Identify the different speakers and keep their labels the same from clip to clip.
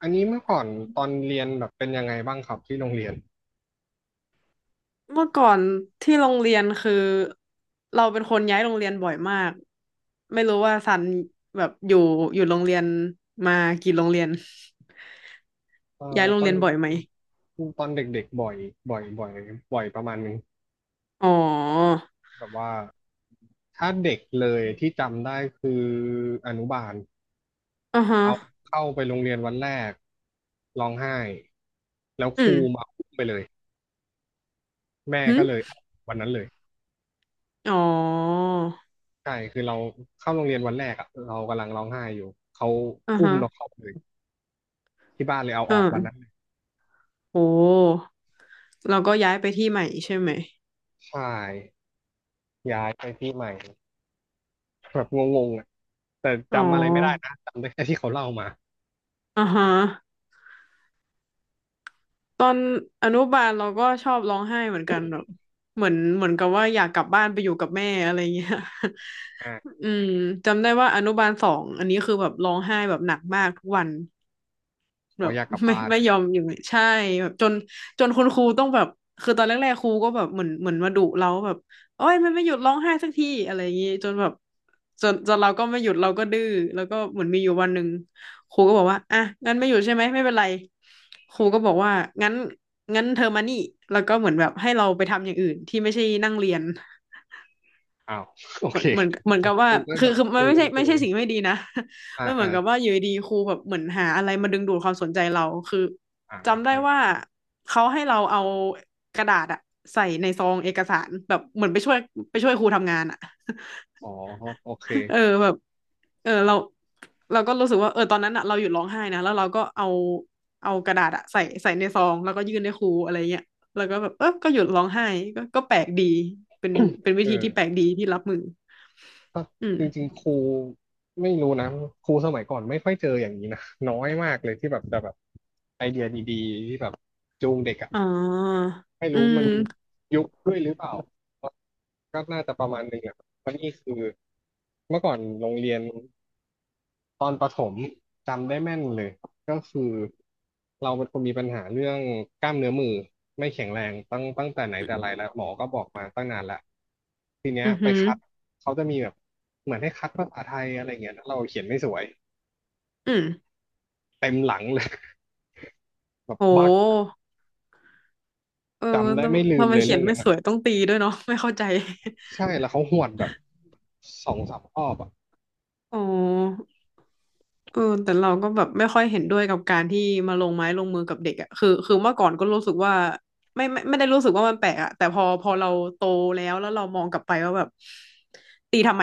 Speaker 1: อันนี้เมื่อก่อนตอนเรียนแบบเป็นยังไงบ้างครับที่โรงเรียน
Speaker 2: เมื่อก่อนที่โรงเรียนคือเราเป็นคนย้ายโรงเรียนบ่อยมากไม่รู้ว่าซันแบบอยู่โรงเรียนมากี่โรงเรียน
Speaker 1: เอ่อ
Speaker 2: ย้ายโร
Speaker 1: ต
Speaker 2: ง
Speaker 1: อ
Speaker 2: เรี
Speaker 1: น
Speaker 2: ยนบ่อยไหม
Speaker 1: ตอนเด็กๆบ่อยบ่อยบ่อยประมาณนึง
Speaker 2: อ๋อ
Speaker 1: แบบว่าถ้าเด็กเลยที่จำได้คืออนุบาล
Speaker 2: อ่าฮะ
Speaker 1: เอาเข้าไปโรงเรียนวันแรกร้องไห้แล้ว
Speaker 2: อื
Speaker 1: ค
Speaker 2: ม
Speaker 1: รูมาอุ้มไปเลยแม่
Speaker 2: หึ
Speaker 1: ก็เลยเอาวันนั้นเลย
Speaker 2: อ๋อ
Speaker 1: ใช่คือเราเข้าโรงเรียนวันแรกอะเรากำลังร้องไห้อยู่เขา
Speaker 2: อ่า
Speaker 1: อุ้ม
Speaker 2: ฮะ
Speaker 1: เราเข้าไปเลยที่บ้านเลยเอา
Speaker 2: อ
Speaker 1: ออกวันนั้น
Speaker 2: ่า
Speaker 1: เลย
Speaker 2: โอ้เราก็ย้ายไปที่ใหม่ใช่ไหม
Speaker 1: ใช่ย้ายไปที่ใหม่ แบบงงๆอ่ะแต่
Speaker 2: อ๋
Speaker 1: จำอะไรไม่ได้
Speaker 2: อ
Speaker 1: นะจำได้แค่ที่เขาเล่ามา
Speaker 2: อ่าฮะตอนอนุบาลเราก็ชอบร้องไห้เหมือน
Speaker 1: อ
Speaker 2: กันแบ
Speaker 1: ม
Speaker 2: บเหมือนกับว่าอยากกลับบ้านไปอยู่กับแม่อะไรเงี้ย
Speaker 1: อ่า
Speaker 2: อืมจำได้ว่าอนุบาลสองอันนี้คือแบบร้องไห้แบบหนักมากทุกวัน
Speaker 1: ข
Speaker 2: แบ
Speaker 1: อ
Speaker 2: บ
Speaker 1: อยากกลับ
Speaker 2: ไม่
Speaker 1: บ้าน
Speaker 2: ไม่ยอมอยู่ใช่แบบจนคุณครูต้องแบบคือตอนแรกๆครูก็แบบเหมือนมาดุเราแบบโอ้ยมันไม่หยุดร้องไห้สักทีอะไรอย่างงี้จนแบบจนเราก็ไม่หยุดเราก็ดื้อแล้วก็เหมือนมีอยู่วันหนึ่งครูก็บอกว่าอ่ะงั้นไม่หยุดใช่ไหมไม่เป็นไรครูก็บอกว่างั้นงั้นเธอมานี่แล้วก็เหมือนแบบให้เราไปทำอย่างอื่นที่ไม่ใช่นั่งเรียน
Speaker 1: อ้าว โอ
Speaker 2: เหมื
Speaker 1: เค
Speaker 2: อนเหมือนเหมือน
Speaker 1: ผ
Speaker 2: กั
Speaker 1: ม
Speaker 2: บว่า
Speaker 1: กูก็
Speaker 2: คื
Speaker 1: แบ
Speaker 2: อ
Speaker 1: บ
Speaker 2: คือมั
Speaker 1: จู
Speaker 2: นไม่
Speaker 1: ง
Speaker 2: ใช่
Speaker 1: จูง
Speaker 2: สิ่งไม่ดีนะ
Speaker 1: อ่า
Speaker 2: มันเหมือ
Speaker 1: อ่า
Speaker 2: นกับว่าอยู่ดีๆครูแบบเหมือนหาอะไรมาดึงดูดความสนใจเราคือ
Speaker 1: อ่า
Speaker 2: จำได้
Speaker 1: อ่า
Speaker 2: ว่าเขาให้เราเอากระดาษอะใส่ในซองเอกสารแบบเหมือนไปช่วยไปช่วยครูทำงานอะ
Speaker 1: อ๋อโอเค
Speaker 2: เออแบบเออเราก็รู้สึกว่าเออตอนนั้นอะเราหยุดร้องไห้นะแล้วเราก็เอาเอากระดาษอะใส่ในซองแล้วก็ยื่นให้ครูอะไรเงี้ยแล้วก็แบบเออก็หยุดร้องไห้ก็แปลกดีเป็นเป็นวิ
Speaker 1: เอ
Speaker 2: ธี
Speaker 1: อ
Speaker 2: ที่แปลกดีที่รับมือ
Speaker 1: ก็
Speaker 2: อื
Speaker 1: จริง
Speaker 2: ม
Speaker 1: ๆครูไม่รู้นะครูสมัยก่อนไม่ค่อยเจออย่างนี้นะน้อยมากเลยที่แบบจะแบบไอเดียดีๆที่แบบจูงเด็กอ่ะ
Speaker 2: อ๋อ
Speaker 1: ไม่
Speaker 2: อื
Speaker 1: รู้
Speaker 2: ม
Speaker 1: มันยุคด้วยหรือเปล่าก็น่าจะประมาณหนึ่งแหละเพราะนี่คือเมื่อก่อนโรงเรียน ตอนประถมจำได้แม่นเลยก็คือเราเป็นคนมีปัญหาเรื่องกล้ามเนื้อมือไม่แข็งแรงตั้งแต่ไหนแต่ไรแล้วหมอก็บอกมาตั้งนานแล้วทีเนี้ย
Speaker 2: อือ
Speaker 1: ไป
Speaker 2: หือ
Speaker 1: คัดเขาจะมีแบบเหมือนให้คัดภาษาไทยอะไรเงี้ยแล้วเราเขียนไม่สวย
Speaker 2: อืม
Speaker 1: เต็มหลังเลย แบบ
Speaker 2: โ
Speaker 1: บัก
Speaker 2: หเออ
Speaker 1: จำได้ไม่
Speaker 2: ทำ
Speaker 1: ลืม
Speaker 2: ทำไม
Speaker 1: เลย
Speaker 2: เขี
Speaker 1: เรื่
Speaker 2: ย
Speaker 1: อ
Speaker 2: น
Speaker 1: ง
Speaker 2: ไม่
Speaker 1: นั้น
Speaker 2: ส
Speaker 1: อะ
Speaker 2: วยต้องตีด้วยเนาะไม่เข้าใจ
Speaker 1: ใช่แล้วเขาหวดแบบสองสามรอบอ่ะ
Speaker 2: อ๋อ เออแต่เราก็แบบไม่ค่อยเห็นด้วยกับการที่มาลงไม้ลงมือกับเด็กอ่ะคือเมื่อก่อนก็รู้สึกว่าไม่ได้รู้สึกว่ามันแปลกอ่ะแต่พอเราโตแล้วเรามองกลับไปว่าแบบตีทำไม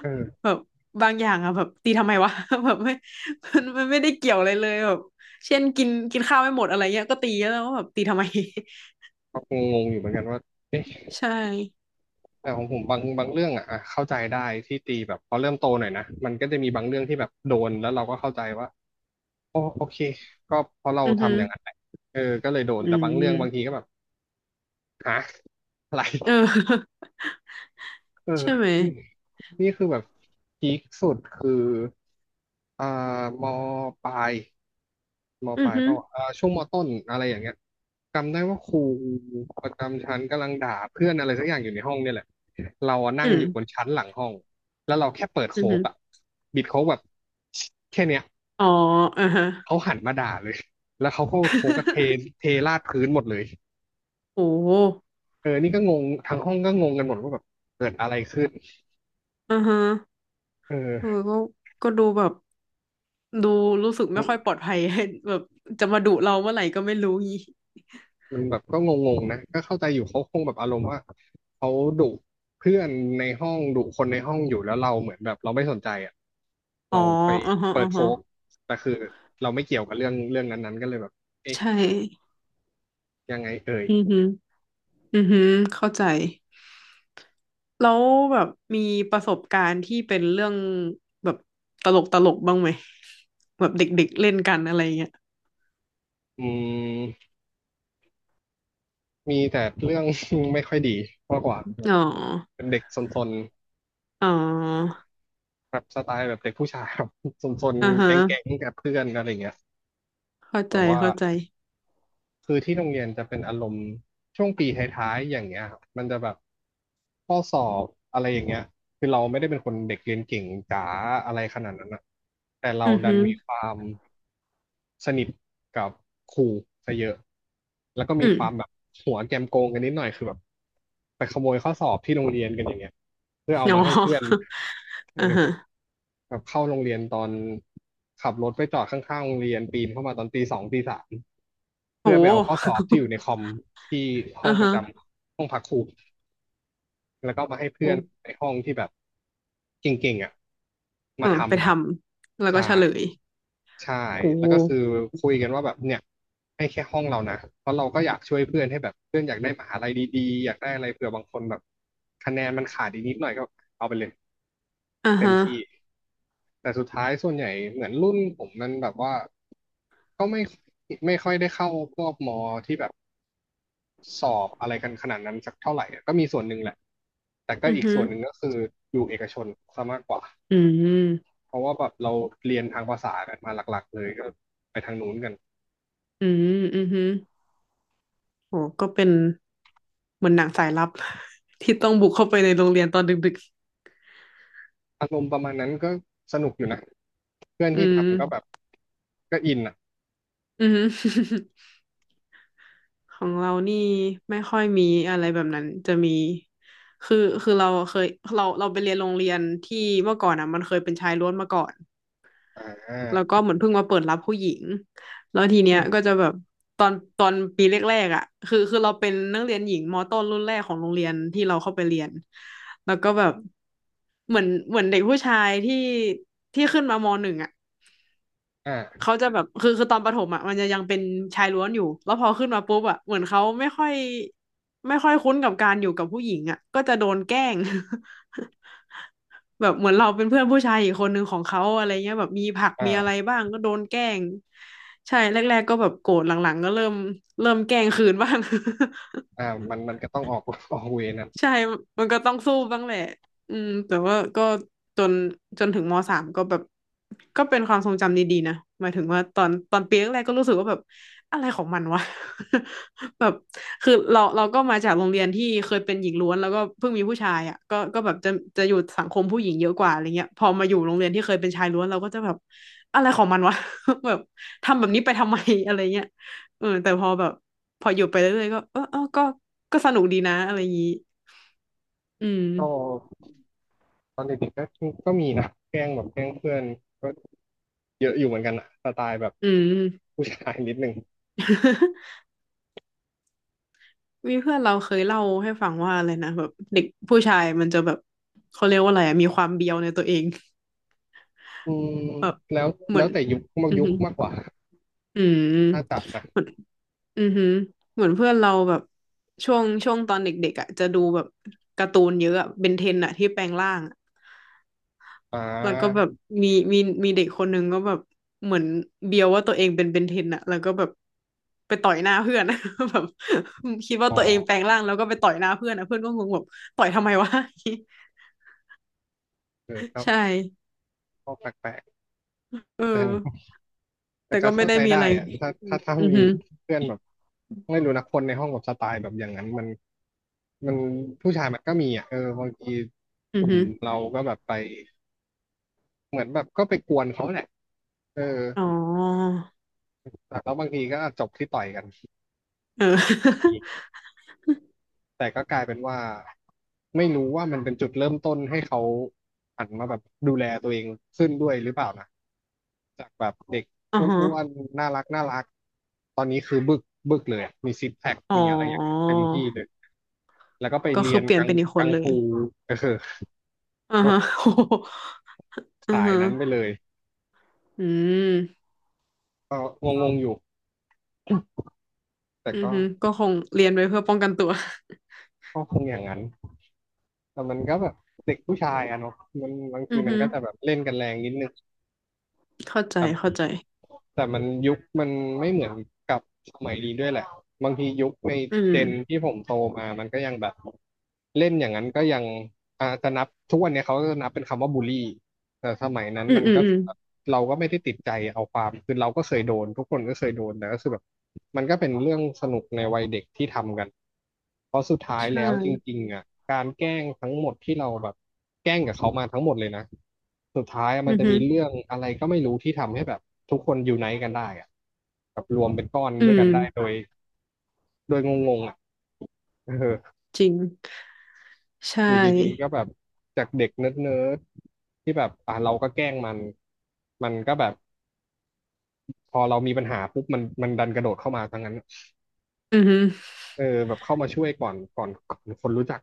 Speaker 1: เออ
Speaker 2: แบบบางอย่างอ่ะแบบตีทำไมวะ แบบไม่ มันไม่ได้เกี่ยวอะไรเลยแบบเช่นกินกินข้าวไม่หมดอะไรเงี้ยก็ตีแล้วว่าแบบตีทำไม
Speaker 1: ก็งงๆอยู่เหมือนกันว่าเอ๊ะ
Speaker 2: ใช่
Speaker 1: แต่ของผมบางเรื่องอ่ะเข้าใจได้ที่ตีแบบพอเริ่มโตหน่อยนะมันก็จะมีบางเรื่องที่แบบโดนแล้วเราก็เข้าใจว่าอ๋อโอเคก็เพราะเรา
Speaker 2: อือฮึ
Speaker 1: ทำอย่างนั้นแหละเออก็เลยโดน
Speaker 2: อื
Speaker 1: แต่บางเรื่องบางที
Speaker 2: ม
Speaker 1: ก็แบบฮะอะไร
Speaker 2: เออ
Speaker 1: เออ
Speaker 2: ใช่ไหม
Speaker 1: นี่นี่คือแบบพีคสุดคืออ่ามปลายม
Speaker 2: อื
Speaker 1: ป
Speaker 2: อ
Speaker 1: ลาย
Speaker 2: ฮึ
Speaker 1: เปล่าวะช่วงมต้นอะไรอย่างเงี้ยจำได้ว่าครูประจำชั้นกำลังด่าเพื่อนอะไรสักอย่างอยู่ในห้องเนี่ยแหละเราอะนั่
Speaker 2: อื
Speaker 1: งอยู่บน
Speaker 2: ม
Speaker 1: ชั้นหลังห้องแล้วเราแค่เปิด
Speaker 2: อื
Speaker 1: โค้
Speaker 2: อฮึ
Speaker 1: กอะบิดโค้กแบบแค่เนี้ย
Speaker 2: อ๋ออือฮะ
Speaker 1: เขาหันมาด่าเลยแล้วเขาก็โค้กก็เท เทราดพื้นหมดเลย
Speaker 2: โอ้
Speaker 1: เออนี่ก็งงทั้งห้องก็งงกันหมดว่าแบบเกิดอะไรขึ้น
Speaker 2: อ่าฮะ
Speaker 1: เ
Speaker 2: เออ
Speaker 1: ออ
Speaker 2: ก็ก็ดูแบบดูรู้สึกไม่ค่อยปลอดภัย แบบจะมาดุเราเมื่อไหร่ก็ไม่รู้งี้
Speaker 1: มันแบบก็งงๆนะก็เข้าใจอยู่เขาคงแบบอารมณ์ว่าเขาดุเพื่อนในห้องดุคนในห้องอยู่แล้วเราเหมือนแบบเราไม่สนใจอ่ะ
Speaker 2: อ๋อ
Speaker 1: เราไป
Speaker 2: อ่าฮะ
Speaker 1: เปิ
Speaker 2: อ่า
Speaker 1: ดโฟ
Speaker 2: ฮะ
Speaker 1: กแต่คือเราไม่เกี่ยวกับเรื่องเรื่องนั้นๆก็เลยแบบเอ๊ะ
Speaker 2: ใช่
Speaker 1: ยังไงเอ่ย
Speaker 2: อือหึออือฮึเข้าใจแล้วแบบมีประสบการณ์ที่เป็นเรื่องแบบตลกบ้างไหมแบบเด็กๆเล่นกันอะไรเงี้ย
Speaker 1: อืมมีแต่เรื่อง ไม่ค่อยดีมากกว่าแบบ
Speaker 2: อ๋อ
Speaker 1: เป็นเด็กซน
Speaker 2: อ๋อ
Speaker 1: ๆแบบสไตล์แบบเด็กผู้ชายแบบ ซน
Speaker 2: อ่า
Speaker 1: ๆ
Speaker 2: ฮะ
Speaker 1: แก๊งๆกับเพื่อนอะไรเงี้ย
Speaker 2: เข้า
Speaker 1: แบ
Speaker 2: ใจ
Speaker 1: บว่า
Speaker 2: เข้าใจ
Speaker 1: คือที่โรงเรียนจะเป็นอารมณ์ช่วงปีท้ายๆอย่างเงี้ยครับมันจะแบบข้อสอบอะไรอย่างเงี้ยคือเราไม่ได้เป็นคนเด็กเรียนเก่งจ๋าอะไรขนาดนั้นอะแต่เรา
Speaker 2: อือ
Speaker 1: ดั
Speaker 2: หึ
Speaker 1: นมีค
Speaker 2: อ
Speaker 1: วามสนิทกับครูซะเยอะแล้วก็
Speaker 2: อื
Speaker 1: มี
Speaker 2: ม
Speaker 1: ความแบบหัวแกมโกงกันนิดหน่อยคือแบบไปขโมยข้อสอบที่โรงเรียนกันอย่างเงี้ยเพื่อเอา
Speaker 2: อ๋อ
Speaker 1: มาให้เพื่อน เอ
Speaker 2: อ่า
Speaker 1: อ
Speaker 2: ฮะ
Speaker 1: แบบเข้าโรงเรียนตอนขับรถไปจอดข้างๆโรงเรียนปีนเข้ามาตอนตีสองตีสามเพื่อไปเอา
Speaker 2: โห
Speaker 1: ข้อสอบที่อยู่ในคอมที่ ห้อ
Speaker 2: อ่า
Speaker 1: งประ
Speaker 2: ฮะ
Speaker 1: จำห้องพักครูแล้วก็มาให้เพื่อน
Speaker 2: โอ
Speaker 1: ในห้องที่แบบเก่งๆอ่ะมา
Speaker 2: อ่าไป
Speaker 1: ทำ
Speaker 2: ท
Speaker 1: กัน
Speaker 2: ำแล้วก็
Speaker 1: ใช่
Speaker 2: เฉลย
Speaker 1: ใช่
Speaker 2: โอ้
Speaker 1: แล้วก็คือคุยกันว่าแบบเนี่ยให้แค่ห้องเรานะเพราะเราก็อยากช่วยเพื่อนให้แบบเพื่อนอยากได้มหาลัยดีๆอยากได้อะไรเผื่อบางคนแบบคะแนนมันขาดอีกนิดหน่อยก็เอาไปเลย
Speaker 2: อ่าฮะ
Speaker 1: แต่สุดท้ายส่วนใหญ่เหมือนรุ่นผมมันแบบว่าก็ไม่ค่อยได้เข้าพวกมอที่แบบสอบอะไรกันขนาดนั้นสักเท่าไหร่อะก็มีส่วนหนึ่งแหละแต่ก็
Speaker 2: อือ
Speaker 1: อีก
Speaker 2: ฮึ
Speaker 1: ส่วนหนึ่งก็คืออยู่เอกชนซะมากกว่า
Speaker 2: อืม
Speaker 1: เพราะว่าแบบเราเรียนทางภาษากันมาหลักๆเลยก็ไปทางนู้นกัน
Speaker 2: อืมอือฮึโอ้ก็เป็นเหมือนหนังสายลับ ที่ต้องบุกเข้าไปในโรงเรียนตอนดึก
Speaker 1: อารมณ์ประมาณนั้นก็สนุกอยู่นะเพื่อน
Speaker 2: ๆอื
Speaker 1: ที่
Speaker 2: ม
Speaker 1: ทำก็แบบก็อินอ่ะ
Speaker 2: อือฮึ ของเรานี่ไม่ค่อยมีอะไรแบบนั้นจะมีคือคือเราเคยเราไปเรียนโรงเรียนที่เมื่อก่อนอ่ะมันเคยเป็นชายล้วนมาก่อน
Speaker 1: อ
Speaker 2: แล้ว
Speaker 1: ่า
Speaker 2: ก็เหมือนเพิ่งมาเปิดรับผู้หญิง แล้วทีเนี้ยก็จะแบบตอนปีแรกๆอ่ะคือเราเป็นนักเรียนหญิงมต้นรุ่นแรกของโรงเรียนที่เราเข้าไปเรียน แล้วก็แบบเหมือนเด็กผู้ชายที่ขึ้นมามหนึ่งอ่ะ
Speaker 1: อ่า
Speaker 2: เขาจะแบบคือตอนประถมอ่ะมันจะยังเป็นชายล้วนอยู่ แล้วพอขึ้นมาปุ๊บอ่ะเหมือนเขาไม่ค่อยคุ้นกับการอยู่กับผู้หญิงอ่ะก็จะโดนแกล้ง แบบเหมือนเราเป็นเพื่อนผู้ชายอีกคนหนึ่งของเขาอะไรเงี้ยแบบมีผักมีอะไร
Speaker 1: อ่า
Speaker 2: บ้างก็โดนแกล้งใช่แรกๆก็แบบโกรธหลังๆก็เริ่มแกล้งคืนบ้าง
Speaker 1: อ่ามันก็ต้องออก ออกเวรนะ
Speaker 2: ใช่มันก็ต้องสู้บ้างแหละอืมแต่ว่าก็จนจนถึงมสามก็แบบก็เป็นความทรงจำดีๆนะหมายถึงว่าตอนปีแรกๆก็รู้สึกว่าแบบอะไรของมันวะ แบบคือเราก็มาจากโรงเรียนที่เคยเป็นหญิงล้วนแล้วก็เพิ่งมีผู้ชายอ่ะก็แบบจะอยู่สังคมผู้หญิงเยอะกว่าอะไรเงี้ยพอมาอยู่โรงเรียนที่เคยเป็นชายล้วนเราก็จะแบบอะไรของมันวะ แบบทำแบบนี้ไปทำไมอะไรเงี้ยเออแต่พอแบบพออยู่ไปเรื่อยๆก็เออก็ก็สนุกดีนะอะไรอย่างงี้ อืม
Speaker 1: ก็ ตอนเด็กๆก็มีนะแกล้งแบบแกล้งเพื่อนก็เยอะอยู่เหมือนกันอะสไตล์แบบ
Speaker 2: อืม
Speaker 1: ผู้ชายนิดนึง
Speaker 2: มีเพื่อนเราเคยเล่าให้ฟังว่าอะไรนะแบบเด็กผู้ชายมันจะแบบเขาเรียกว่าอะไรอะมีความเบียวในตัวเอง
Speaker 1: อืม
Speaker 2: แบบ
Speaker 1: แล้ว
Speaker 2: เหมื
Speaker 1: แล้
Speaker 2: อ
Speaker 1: ว
Speaker 2: น
Speaker 1: แต่ยุคมาก
Speaker 2: อือ
Speaker 1: ยุค
Speaker 2: หือ
Speaker 1: มากกว่า
Speaker 2: อืม
Speaker 1: ถ้าจับนะ
Speaker 2: เหมือนอือหือเหมือนเพื่อนเราแบบช่วงตอนเด็กๆอ่ะจะดูแบบการ์ตูนเยอะอะเบนเทนอ่ะที่แปลงร่าง
Speaker 1: อ่
Speaker 2: แล้วก็แบ
Speaker 1: า
Speaker 2: บมีมีมีเด็กคนหนึ่งก็แบบเหมือนเบียวว่าตัวเองเป็นเบนเทนอะแล้วก็แบบไปต่อยหน้าเพื่อน แบบคิดว่า
Speaker 1: อ๋อ
Speaker 2: ตัวเองแปลงร่างแล้วก็ไปต่อยหน้าเพื่อนอะเพื่อนก็งงแบบต่อยทำไมวะ
Speaker 1: เออก็
Speaker 2: ใช่
Speaker 1: ก็แปลก
Speaker 2: เออ
Speaker 1: ๆแต่แต่
Speaker 2: แต่
Speaker 1: ก็
Speaker 2: ก็ไม่
Speaker 1: เข้า
Speaker 2: ได้
Speaker 1: ใจ
Speaker 2: มีอะ
Speaker 1: ได้
Speaker 2: ไร
Speaker 1: อะถ้า
Speaker 2: อือหื
Speaker 1: มี
Speaker 2: อ
Speaker 1: เพื่อนแบบไม่รู้นะคนในห้องแบบสไตล์แบบอย่างนั้นมันผู้ชายมันก็มีอ่ะเออบางที
Speaker 2: อื
Speaker 1: ก
Speaker 2: อ
Speaker 1: ลุ่ม
Speaker 2: หือ
Speaker 1: เราก็แบบไปเหมือนแบบก็ไปกวนเขาแหละเออ
Speaker 2: อ๋อ
Speaker 1: แต่แล้วบางทีก็จบที่ต่อยกัน
Speaker 2: เออ
Speaker 1: แต่ก็กลายเป็นว่าไม่รู้ว่ามันเป็นจุดเริ่มต้นให้เขาหันมาแบบดูแลตัวเองขึ้นด้วยหรือเปล่านะจากแบบเด็ก
Speaker 2: อ๋อ
Speaker 1: อ
Speaker 2: ฮะ
Speaker 1: ้วนๆน่ารักน่ารักตอนนี้คือบึกบึกเลยอะมีซิกแพค
Speaker 2: อ๋อ
Speaker 1: มีอะไรอย่างเงี้ยเต็มที่เลยแล้วก็ไป
Speaker 2: ก็
Speaker 1: เรี
Speaker 2: คื
Speaker 1: ย
Speaker 2: อ
Speaker 1: น
Speaker 2: เปลี่ยน
Speaker 1: กัง
Speaker 2: เป็นอีกค
Speaker 1: กั
Speaker 2: น
Speaker 1: ง
Speaker 2: เลย
Speaker 1: ฟูเออ
Speaker 2: อ่า
Speaker 1: แบ
Speaker 2: ฮะ
Speaker 1: บ
Speaker 2: โอ้โหอือ
Speaker 1: สาย
Speaker 2: ฮะ
Speaker 1: นั้นไปเลย
Speaker 2: อืม
Speaker 1: ก็งงๆอยู่แต่
Speaker 2: อือ
Speaker 1: ก็
Speaker 2: ฮึก็คงเรียนไว้เพื่อป้องกันตัว
Speaker 1: ก็คงอย่างนั้นแต่มันก็แบบเด็กผู้ชายอะเนาะมันบาง
Speaker 2: อื
Speaker 1: ที
Speaker 2: อ
Speaker 1: มัน
Speaker 2: ฮึ
Speaker 1: ก็จะแบบเล่นกันแรงนิดนึง
Speaker 2: เข้าใจ
Speaker 1: แต่
Speaker 2: เข้าใจ
Speaker 1: แต่มันยุคมันไม่เหมือนกับสมัยนี้ด้วยแหละบางทียุคใน
Speaker 2: อื
Speaker 1: เจน
Speaker 2: ม
Speaker 1: ที่ผมโตมามันก็ยังแบบเล่นอย่างนั้นก็ยังอาจจะนับทุกวันเนี้ยเขาก็จะนับเป็นคำว่าบูลลี่ แต่สมัยนั้น
Speaker 2: อืม
Speaker 1: มัน
Speaker 2: อืม
Speaker 1: ก็
Speaker 2: อื
Speaker 1: คื
Speaker 2: ม
Speaker 1: อแบบเราก็ไม่ได้ติดใจเอาความคือเราก็เคยโดนทุกคนก็เคยโดนแต่ก็คือแบบมันก็เป็นเรื่องสนุกในวัยเด็กที่ทำกันเพราะสุดท้ายแล้
Speaker 2: ใช่
Speaker 1: วจริงๆอ่ะการแกล้งทั้งหมดที่เราแบบแกล้งกับเขามาทั้งหมดเลยนะสุดท้ายมัน
Speaker 2: อือ
Speaker 1: จะ
Speaker 2: ฮึ
Speaker 1: มีเรื่องอะไรก็ไม่รู้ที่ทำให้แบบทุกคนอยู่ไนต์กันได้อ่ะแบบรวมเป็นก้อน
Speaker 2: อื
Speaker 1: ด้วย
Speaker 2: ม
Speaker 1: กันได้โดยงงๆอ่ะเออ
Speaker 2: จริง ใช
Speaker 1: อยู่ดีๆก็
Speaker 2: ่
Speaker 1: แบบจากเด็กเนิร์ดๆที่แบบอ่ะเราก็แกล้งมันมันก็แบบ พอเรามีปัญหาปุ๊บมันดันกระโดดเข้ามาทั้งนั้น
Speaker 2: อือฮึ
Speaker 1: เออแบบเข้ามาช่วยก่อนคนรู้จัก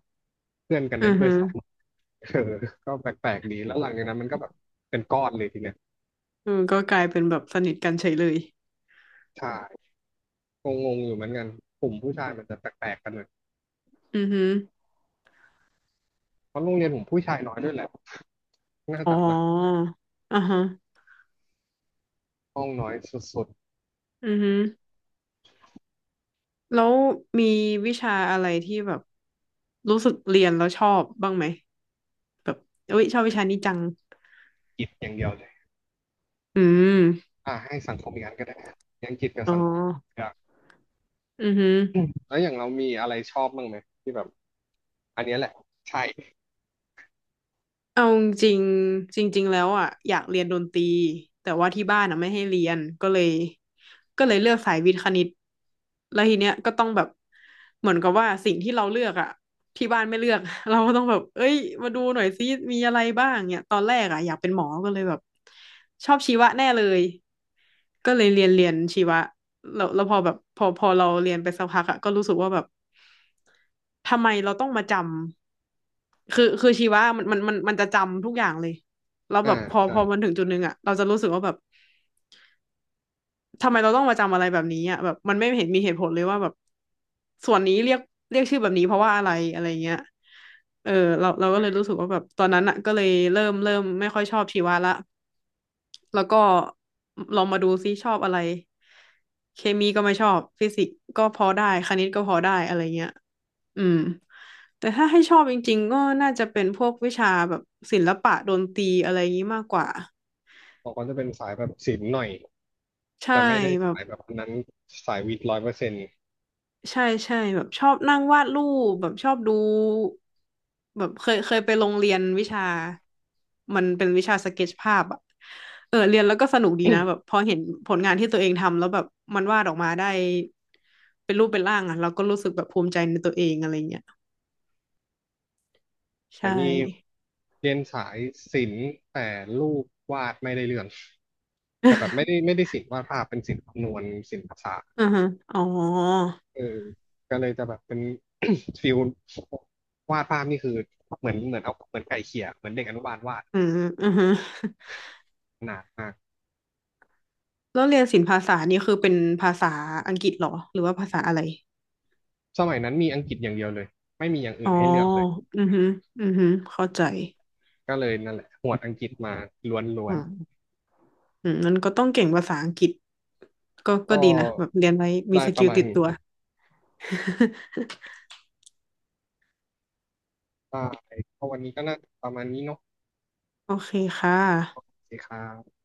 Speaker 1: เพื่อนกัน
Speaker 2: อื
Speaker 1: เน้น
Speaker 2: อ
Speaker 1: ด้ว
Speaker 2: ฮึ
Speaker 1: ยซ้ำเออก็แปลกๆดีแล้วหลังจากนั้นมันก็แบบเป็นก้อนเลยทีเนี้ย
Speaker 2: เออก็กลายเป็นแบบสนิทกันเฉยเลย
Speaker 1: ใช่งงๆอยู่เหมือนกันกลุ่มผู้ชายมันจะแปลกๆกันเลย
Speaker 2: อือฮึ
Speaker 1: เพราะโรงเรียนผมผู้ชายน้อยด้วยแหละน่า
Speaker 2: อ๋อ
Speaker 1: จะนะ
Speaker 2: อ่าฮะ
Speaker 1: ห้องน้อยสุด
Speaker 2: อือฮึแล้วมีวิชาอะไรที่แบบรู้สึกเรียนแล้วชอบบ้างไหมแบบเอ้ยชอบ
Speaker 1: ๆ
Speaker 2: วิ
Speaker 1: อัง
Speaker 2: ชานี้จัง
Speaker 1: กฤษอย่างเดียวเลย
Speaker 2: อืม
Speaker 1: อ่าให้สังคมอีกอันก็ได้อังกฤษกับ
Speaker 2: อ๋อ
Speaker 1: สังคมอยาก
Speaker 2: อือฮึ
Speaker 1: แล้วอย่างเรามีอะไรชอบบ้างไหมที่แบบอันเนี้ยแหละใช่
Speaker 2: เอาจริงๆจริงๆแล้วอ่ะอยากเรียนดนตรีแต่ว่าที่บ้านอ่ะไม่ให้เรียนก็เลยเลือกสายวิทย์คณิตแล้วทีเนี้ยก็ต้องแบบเหมือนกับว่าสิ่งที่เราเลือกอ่ะที่บ้านไม่เลือก เราก็ต้องแบบเอ้ยมาดูหน่อยซิมีอะไรบ้างเนี่ยตอนแรกอ่ะอยากเป็นหมอก็เลยแบบชอบชีวะแน่เลยก็เลยเรียนชีวะแล้วพอแบบพอเราเรียนไปสักพักอ่ะก็รู้สึกว่าแบบทำไมเราต้องมาจำ คือชีวะมันจะจำทุกอย่างเลยแล้ว
Speaker 1: อ่า
Speaker 2: แบบพอ
Speaker 1: ใช่
Speaker 2: พอมันถึงจุดหนึ่งอะเราจะรู้สึกว่าแบบทำไมเราต้องมาจำอะไรแบบนี้อะแบบมันไม่เห็นมีเหตุผลเลยว่าแบบส่วนนี้เรียกชื่อแบบนี้เพราะว่าอะไรอะไรเงี้ยเออเราก็เลยรู้สึกว่าแบบตอนนั้นอะก็เลยเริ่มไม่ค่อยชอบชีวะละแล้วก็ลองมาดูซิชอบอะไรเคมีก็ไม่ชอบฟิสิกส์ก็พอได้คณิตก็พอได้อะไรเงี้ย อืมแต่ถ้าให้ชอบจริงๆก็น่าจะเป็นพวกวิชาแบบศิลปะดนตรีอะไรอย่างนี้มากกว่า
Speaker 1: บอกว่าจะเป็นสายแบบศิลป์หน่อย
Speaker 2: ใช่
Speaker 1: แต่ไม่ได้
Speaker 2: แบบ
Speaker 1: สายแบบนั้นสายวิทย์100%
Speaker 2: ใช่ใช่แบบชอบนั่งวาดรูปแบบชอบดูแบบเคยไปโรงเรียนวิชามันเป็นวิชาสเก็ตชภาพอะเออเรียนแล้วก็สนุกดีนะแบบพอเห็นผลงานที่ตัวเองทำแล้วแบบมันวาดออกมาได้เป็นรูปเป็นร่างอะเราก็รู้สึกแบบภูมิใจในตัวเองอะไรเงี้ย
Speaker 1: แต่
Speaker 2: ใช่
Speaker 1: นี่เรียนสายศิลป์แต่รูปวาดไม่ได้เรื่องแต่แบบไม่ได้ ไม่ได้ศิลป์วาดภาพเป็นศิลป์คำนวณศิลป์ภาษาสตร์
Speaker 2: อือฮึอ๋อ
Speaker 1: เออก็เลยจะแบบเป็น ฟิลวาดภาพนี่คือเหมือนเอาเหมือนไก่เขี่ยเหมือนเด็กอนุบาลวาด
Speaker 2: อืมอือฮึ
Speaker 1: หนักมาก
Speaker 2: แล้วเรียนศิลปภาษานี่คือเป็นภาษาอังกฤษเหรอหรือว่าภาษาอะไร
Speaker 1: สมัยนั้นมีอังกฤษอย่างเดียวเลยไม่มีอย่างอื่
Speaker 2: อ๋อ
Speaker 1: นให้เลือกเลย
Speaker 2: อือฮึอือฮึเข้าใจ
Speaker 1: ก็เลยนั่นแหละหวดอังกฤษมาล้ว
Speaker 2: อื
Speaker 1: น
Speaker 2: มอืมมันก็ต้องเก่งภาษาอังกฤษก็
Speaker 1: ๆก็
Speaker 2: ก็ดีนะแบบเรียนไว้มี
Speaker 1: ได้
Speaker 2: ส
Speaker 1: ป
Speaker 2: กิ
Speaker 1: ระ
Speaker 2: ล
Speaker 1: มาณ
Speaker 2: ติด
Speaker 1: นี้
Speaker 2: ตัว
Speaker 1: ได้ก็วันนี้ก็น่าจะประมาณนี้เนาะ
Speaker 2: โอเคค่
Speaker 1: ส
Speaker 2: ะ
Speaker 1: วัสดีครับ